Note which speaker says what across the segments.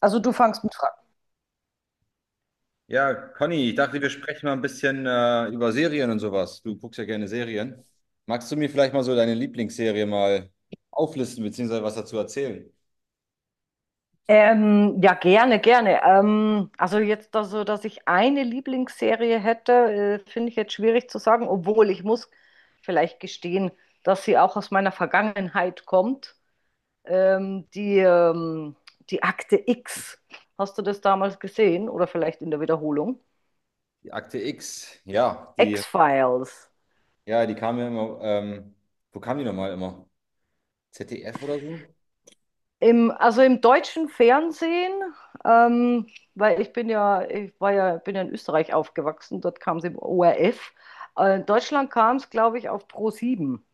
Speaker 1: Also du fangst mit Fragen.
Speaker 2: Ja, Conny, ich dachte, wir sprechen mal ein bisschen über Serien und sowas. Du guckst ja gerne Serien. Magst du mir vielleicht mal so deine Lieblingsserie mal auflisten, beziehungsweise was dazu erzählen?
Speaker 1: Ja, gerne, gerne. Also jetzt, also, dass ich eine Lieblingsserie hätte, finde ich jetzt schwierig zu sagen, obwohl ich muss vielleicht gestehen, dass sie auch aus meiner Vergangenheit kommt. Ähm, die, ähm, die Akte X. Hast du das damals gesehen? Oder vielleicht in der Wiederholung?
Speaker 2: Die Akte X,
Speaker 1: X-Files.
Speaker 2: ja, die kam ja immer, wo kam die nochmal immer? ZDF oder so?
Speaker 1: Also im deutschen Fernsehen, ähm, weil ich bin ja, ich war ja, bin ja in Österreich aufgewachsen, dort kam es im ORF. In Deutschland kam es, glaube ich, auf pro sieben,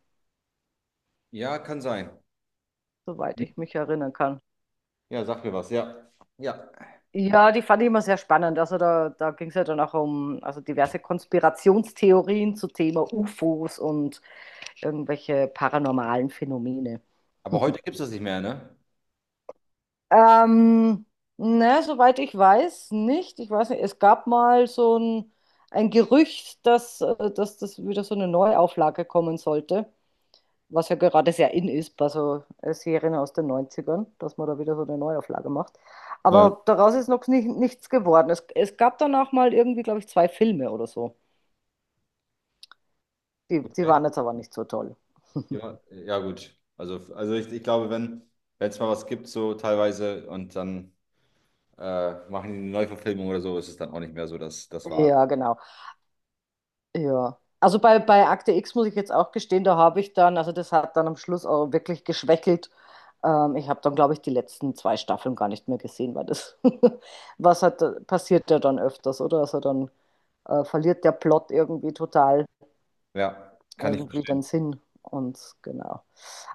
Speaker 2: Ja, kann sein.
Speaker 1: soweit ich mich erinnern kann.
Speaker 2: Ja, sag mir was, ja. Ja.
Speaker 1: Ja, die fand ich immer sehr spannend. Also da ging es ja dann auch um also diverse Konspirationstheorien zu Thema UFOs und irgendwelche paranormalen Phänomene.
Speaker 2: Aber heute gibt es das nicht mehr, ne?
Speaker 1: Ähm, ne, soweit ich weiß, nicht. Ich weiß nicht, es gab mal so ein Gerücht, dass das wieder so eine Neuauflage kommen sollte, was ja gerade sehr in ist bei so Serien aus den Neunzigern, dass man da wieder so eine Neuauflage macht.
Speaker 2: Ja.
Speaker 1: Aber daraus ist noch nichts geworden. Es gab danach mal irgendwie, glaube ich, zwei Filme oder so. Die
Speaker 2: Okay.
Speaker 1: waren jetzt aber nicht so toll.
Speaker 2: Ja, ja gut. Also, also ich glaube, wenn es mal was gibt, so teilweise, und dann machen die eine Neuverfilmung oder so, ist es dann auch nicht mehr so, dass das war.
Speaker 1: Ja, genau. Ja. Also bei Akte X muss ich jetzt auch gestehen, da habe ich dann, also das hat dann am Schluss auch wirklich geschwächelt. Ich habe dann, glaube ich, die letzten zwei Staffeln gar nicht mehr gesehen, weil was hat, passiert ja dann öfters, oder? Also dann verliert der Plot irgendwie total
Speaker 2: Ja, kann ich.
Speaker 1: irgendwie den Sinn. Und genau.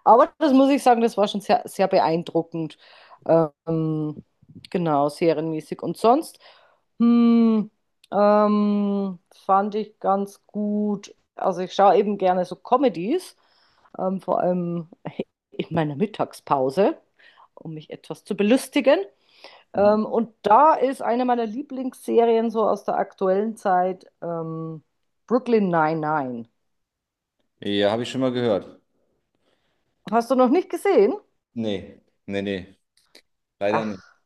Speaker 1: Aber das muss ich sagen, das war schon sehr, sehr beeindruckend. Ähm, genau, serienmäßig. Und sonst hm, ähm, fand ich ganz gut. Also ich schaue eben gerne so Comedies, vor allem in meiner Mittagspause, um mich etwas zu belustigen. Und da ist eine meiner Lieblingsserien so aus der aktuellen Zeit Brooklyn Nine-Nine.
Speaker 2: Ja, habe ich schon mal gehört.
Speaker 1: Hast du noch nicht gesehen?
Speaker 2: Nee, nee, nee, leider nicht.
Speaker 1: Ach,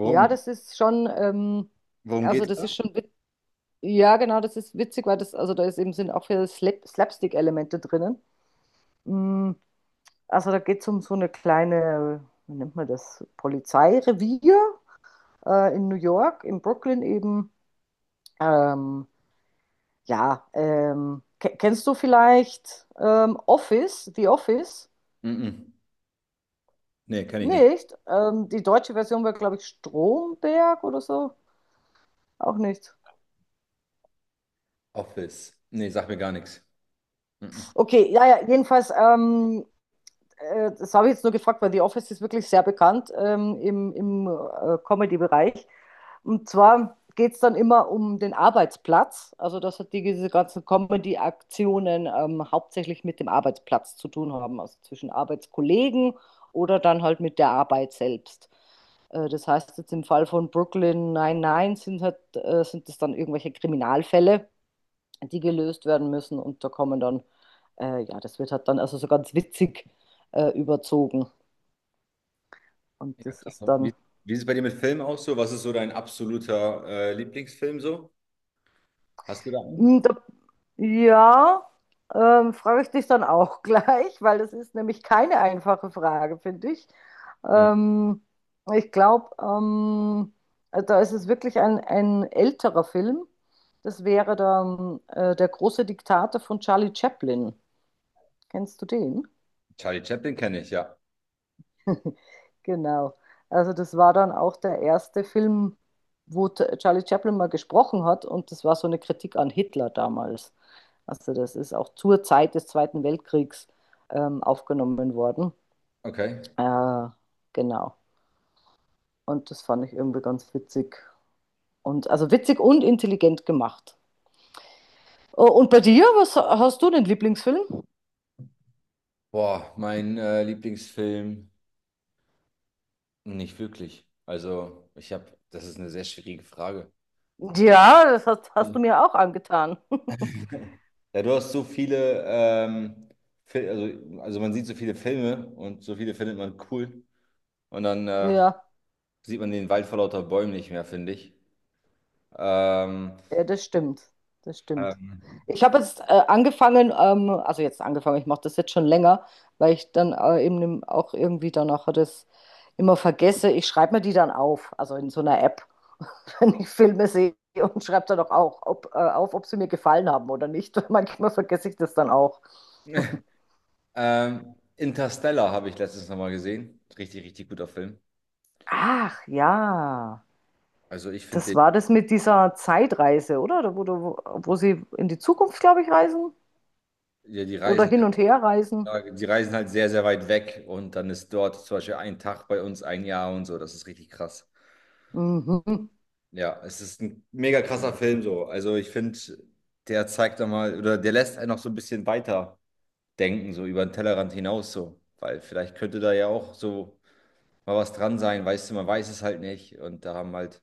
Speaker 1: ja, das ist schon,
Speaker 2: worum
Speaker 1: also
Speaker 2: geht's
Speaker 1: das
Speaker 2: da?
Speaker 1: ist schon, ja, genau, das ist witzig, weil das, also da ist eben, sind auch viele Slapstick-Elemente drinnen. Mm, also da geht es um so eine kleine, wie nennt man das, Polizeirevier in New York, in Brooklyn eben. Ähm, ja, kennst du vielleicht Office, The Office?
Speaker 2: Mm-mm. Nee, kenne ich nicht.
Speaker 1: Nicht. Die deutsche Version war, glaube ich, Stromberg oder so. Auch nicht.
Speaker 2: Office. Nee, sag mir gar nichts. Mm-mm.
Speaker 1: Okay, ja, ja, jedenfalls, das habe ich jetzt nur gefragt, weil The Office ist wirklich sehr bekannt im, im Comedy-Bereich. Und zwar geht es dann immer um den Arbeitsplatz, also dass halt diese ganzen Comedy-Aktionen hauptsächlich mit dem Arbeitsplatz zu tun haben, also zwischen Arbeitskollegen oder dann halt mit der Arbeit selbst. Das heißt, jetzt im Fall von Brooklyn 99 sind es dann irgendwelche Kriminalfälle die gelöst werden müssen. Und da kommen dann, ja, das wird halt dann also so ganz witzig überzogen. Und
Speaker 2: Ja,
Speaker 1: das
Speaker 2: krass.
Speaker 1: ist dann,
Speaker 2: Wie ist es bei dir mit Filmen aus so? Was ist so dein absoluter Lieblingsfilm so? Hast du da einen?
Speaker 1: Mm, da, ja, frage ich dich dann auch gleich, weil das ist nämlich keine einfache Frage, finde ich.
Speaker 2: Mhm.
Speaker 1: Ähm, ich glaube, da ist es wirklich ein älterer Film. Das wäre der große Diktator von Charlie Chaplin. Kennst du den?
Speaker 2: Charlie Chaplin kenne ich, ja.
Speaker 1: Genau. Also das war dann auch der erste Film, wo Charlie Chaplin mal gesprochen hat und das war so eine Kritik an Hitler damals. Also das ist auch zur Zeit des Zweiten Weltkriegs aufgenommen worden.
Speaker 2: Okay.
Speaker 1: Äh, genau. Und das fand ich irgendwie ganz witzig. Und also witzig und intelligent gemacht. Oh, und bei dir, was hast du den Lieblingsfilm?
Speaker 2: Boah, mein Lieblingsfilm? Nicht wirklich. Also, ich habe, das ist eine sehr schwierige Frage.
Speaker 1: Ja, das hast du mir auch angetan.
Speaker 2: Ja, du hast so viele, Fil also man sieht so viele Filme und so viele findet man cool. Und dann
Speaker 1: Ja.
Speaker 2: sieht man den Wald vor lauter Bäumen nicht mehr, finde ich. Ähm,
Speaker 1: Ja, das stimmt. Das stimmt.
Speaker 2: ähm,
Speaker 1: Ich habe jetzt angefangen, also jetzt angefangen, ich mache das jetzt schon länger, weil ich dann eben auch irgendwie danach das immer vergesse. Ich schreibe mir die dann auf, also in so einer App, wenn ich Filme sehe und schreibe dann auch, auch ob sie mir gefallen haben oder nicht. Manchmal vergesse ich das dann auch.
Speaker 2: Interstellar habe ich letztens nochmal gesehen. Richtig, richtig guter Film.
Speaker 1: Ach ja,
Speaker 2: Also ich
Speaker 1: das
Speaker 2: finde den,
Speaker 1: war das mit dieser Zeitreise, oder? Wo sie in die Zukunft, glaube ich, reisen
Speaker 2: ja, die
Speaker 1: oder
Speaker 2: Reisen.
Speaker 1: hin und her reisen.
Speaker 2: Ja, die reisen halt sehr, sehr weit weg und dann ist dort zum Beispiel ein Tag bei uns ein Jahr und so. Das ist richtig krass.
Speaker 1: Mhm.
Speaker 2: Ja, es ist ein mega krasser Film so. Also ich finde, der zeigt da mal oder der lässt einen noch so ein bisschen weiter denken, so über den Tellerrand hinaus so. Weil vielleicht könnte da ja auch so mal was dran sein, weißt du, man weiß es halt nicht. Und da haben halt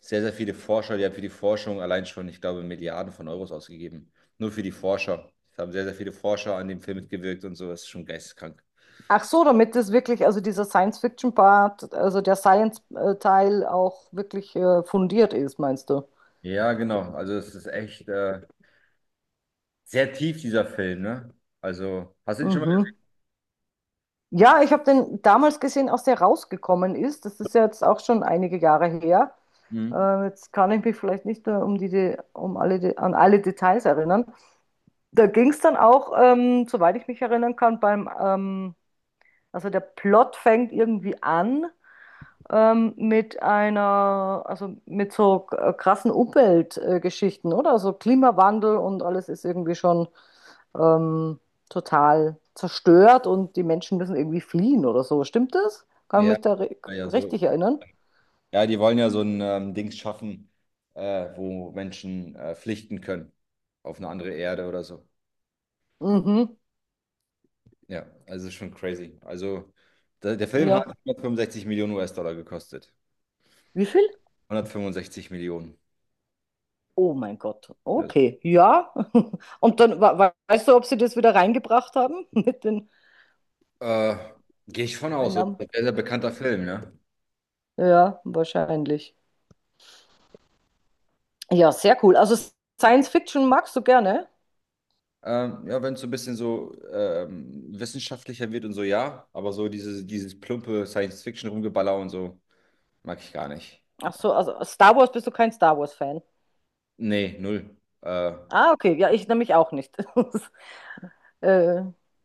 Speaker 2: sehr, sehr viele Forscher, die haben für die Forschung allein schon, ich glaube, Milliarden von Euros ausgegeben. Nur für die Forscher. Es haben sehr, sehr viele Forscher an dem Film mitgewirkt und so. Das ist schon geisteskrank.
Speaker 1: Ach so, damit das wirklich, also dieser Science-Fiction-Part, also der Science-Teil auch wirklich fundiert ist, meinst du?
Speaker 2: Ja, genau. Also es ist echt sehr tief, dieser Film, ne? Also, hast du den schon mal
Speaker 1: Mhm.
Speaker 2: gesehen?
Speaker 1: Ja, ich habe den damals gesehen, als der rausgekommen ist. Das ist ja jetzt auch schon einige Jahre her.
Speaker 2: Mhm.
Speaker 1: Jetzt kann ich mich vielleicht nicht mehr um die, De- um alle, De- an alle Details erinnern. Da ging es dann auch, soweit ich mich erinnern kann, beim, also der Plot fängt irgendwie an mit einer, also mit so krassen Umweltgeschichten, oder? Also Klimawandel und alles ist irgendwie schon ähm, total zerstört und die Menschen müssen irgendwie fliehen oder so. Stimmt das? Kann ich
Speaker 2: Ja,
Speaker 1: mich da
Speaker 2: ja, ja, so.
Speaker 1: richtig erinnern?
Speaker 2: Ja, die wollen ja so ein Dings schaffen, äh, wo Menschen flüchten können auf eine andere Erde oder so.
Speaker 1: Mhm.
Speaker 2: Ja, also es ist schon crazy. Also der Film hat
Speaker 1: Ja.
Speaker 2: 165 Millionen US-Dollar gekostet.
Speaker 1: Wie viel?
Speaker 2: 165 Millionen.
Speaker 1: Oh mein Gott.
Speaker 2: Also,
Speaker 1: Okay. Ja. Und dann weißt du, ob sie das wieder reingebracht haben mit den
Speaker 2: äh, gehe ich von aus, oder?
Speaker 1: Einnahmen?
Speaker 2: Sehr, sehr bekannter Film, ne?
Speaker 1: Ja, wahrscheinlich. Ja, sehr cool. Also Science Fiction magst du gerne?
Speaker 2: Ja, wenn es so ein bisschen so wissenschaftlicher wird und so, ja. Aber so dieses plumpe Science-Fiction-Rumgeballer und so, mag ich gar nicht.
Speaker 1: Ach so, also Star Wars, bist du kein Star Wars-Fan.
Speaker 2: Nee, null. Äh,
Speaker 1: Ah, okay, ja, ich nämlich auch nicht. Äh,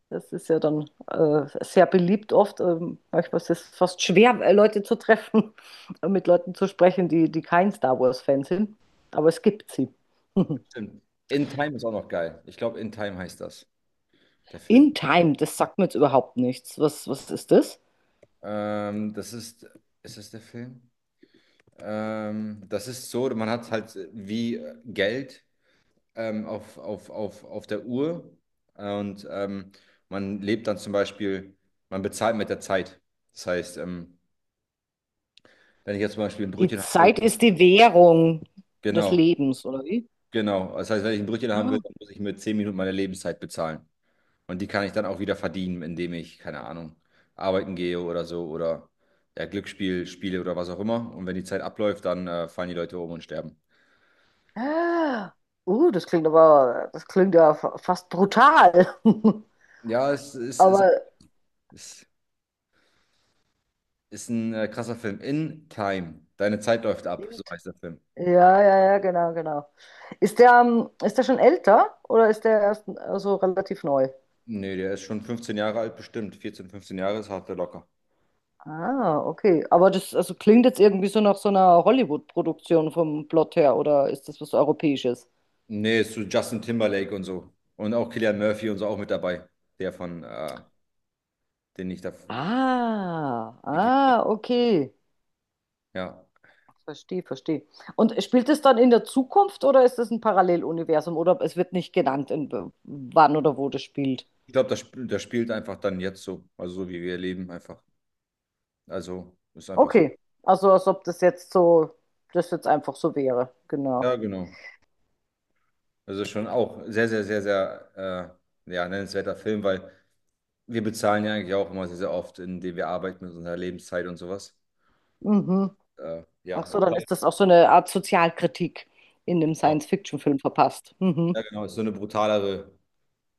Speaker 1: Das ist ja dann sehr beliebt oft. Manchmal ist es fast schwer, Leute zu treffen, und mit Leuten zu sprechen, die, die kein Star Wars-Fan sind. Aber es gibt sie.
Speaker 2: stimmt. In Time ist auch noch geil. Ich glaube, In Time heißt das, der Film.
Speaker 1: In Time, das sagt mir jetzt überhaupt nichts. Was ist das?
Speaker 2: Ähm, das ist, ist das der Film? Das ist so, man hat halt wie Geld auf, auf der Uhr und man lebt dann zum Beispiel, man bezahlt mit der Zeit. Das heißt, wenn ich jetzt zum Beispiel ein
Speaker 1: Die
Speaker 2: Brötchen haben will,
Speaker 1: Zeit ist die Währung des
Speaker 2: genau,
Speaker 1: Lebens, oder wie?
Speaker 2: genau. Das heißt, wenn ich ein Brötchen haben will, dann muss ich mir 10 Minuten meine Lebenszeit bezahlen. Und die kann ich dann auch wieder verdienen, indem ich, keine Ahnung, arbeiten gehe oder so oder ja, Glücksspiel spiele oder was auch immer. Und wenn die Zeit abläuft, dann fallen die Leute um und sterben.
Speaker 1: Ah, ah. Das klingt aber, das klingt ja fast brutal.
Speaker 2: Ja, es ist, ist,
Speaker 1: Aber
Speaker 2: ist, ist ein krasser Film. In Time. Deine Zeit läuft ab, so heißt der Film.
Speaker 1: ja, ja, ja, genau, genau. Ist der schon älter oder ist der erst also relativ neu?
Speaker 2: Nee, der ist schon 15 Jahre alt, bestimmt. 14, 15 Jahre ist hart der locker.
Speaker 1: Ah, okay. Aber das also klingt jetzt irgendwie so nach so einer Hollywood-Produktion vom Plot her oder ist das was Europäisches?
Speaker 2: Nee, ist so Justin Timberlake und so. Und auch Cillian Murphy und so auch mit dabei. Der von, den ich da.
Speaker 1: Ah, ah, okay.
Speaker 2: Ja.
Speaker 1: Verstehe, verstehe. Und spielt es dann in der Zukunft oder ist es ein Paralleluniversum oder es wird nicht genannt, wann oder wo das spielt?
Speaker 2: Ich glaube, das spielt einfach dann jetzt so. Also so wie wir leben einfach. Also ist einfach so.
Speaker 1: Okay, also als ob das jetzt einfach so wäre, genau.
Speaker 2: Ja, genau. Das ist schon auch sehr, sehr, sehr, sehr ja, nennenswerter Film, weil wir bezahlen ja eigentlich auch immer sehr, sehr oft, indem wir arbeiten mit unserer Lebenszeit und sowas.
Speaker 1: Mhm.
Speaker 2: Ja,
Speaker 1: Ach so,
Speaker 2: ist
Speaker 1: dann
Speaker 2: halt-
Speaker 1: ist das auch so eine Art Sozialkritik in dem
Speaker 2: ja,
Speaker 1: Science-Fiction-Film verpasst. Mhm.
Speaker 2: genau. Ist so eine brutalere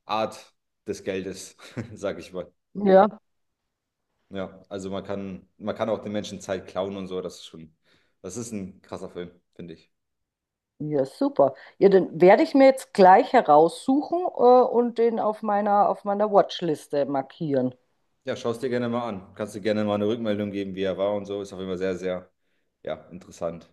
Speaker 2: Art des Geldes, sag ich mal.
Speaker 1: Ja.
Speaker 2: Ja, also man kann auch den Menschen Zeit klauen und so, das ist schon, das ist ein krasser Film, finde ich.
Speaker 1: Ja, super. Ja, den werde ich mir jetzt gleich heraussuchen, und den auf meiner Watchliste markieren.
Speaker 2: Ja, schau es dir gerne mal an. Kannst du gerne mal eine Rückmeldung geben, wie er war und so. Ist auch immer sehr, sehr, ja, interessant.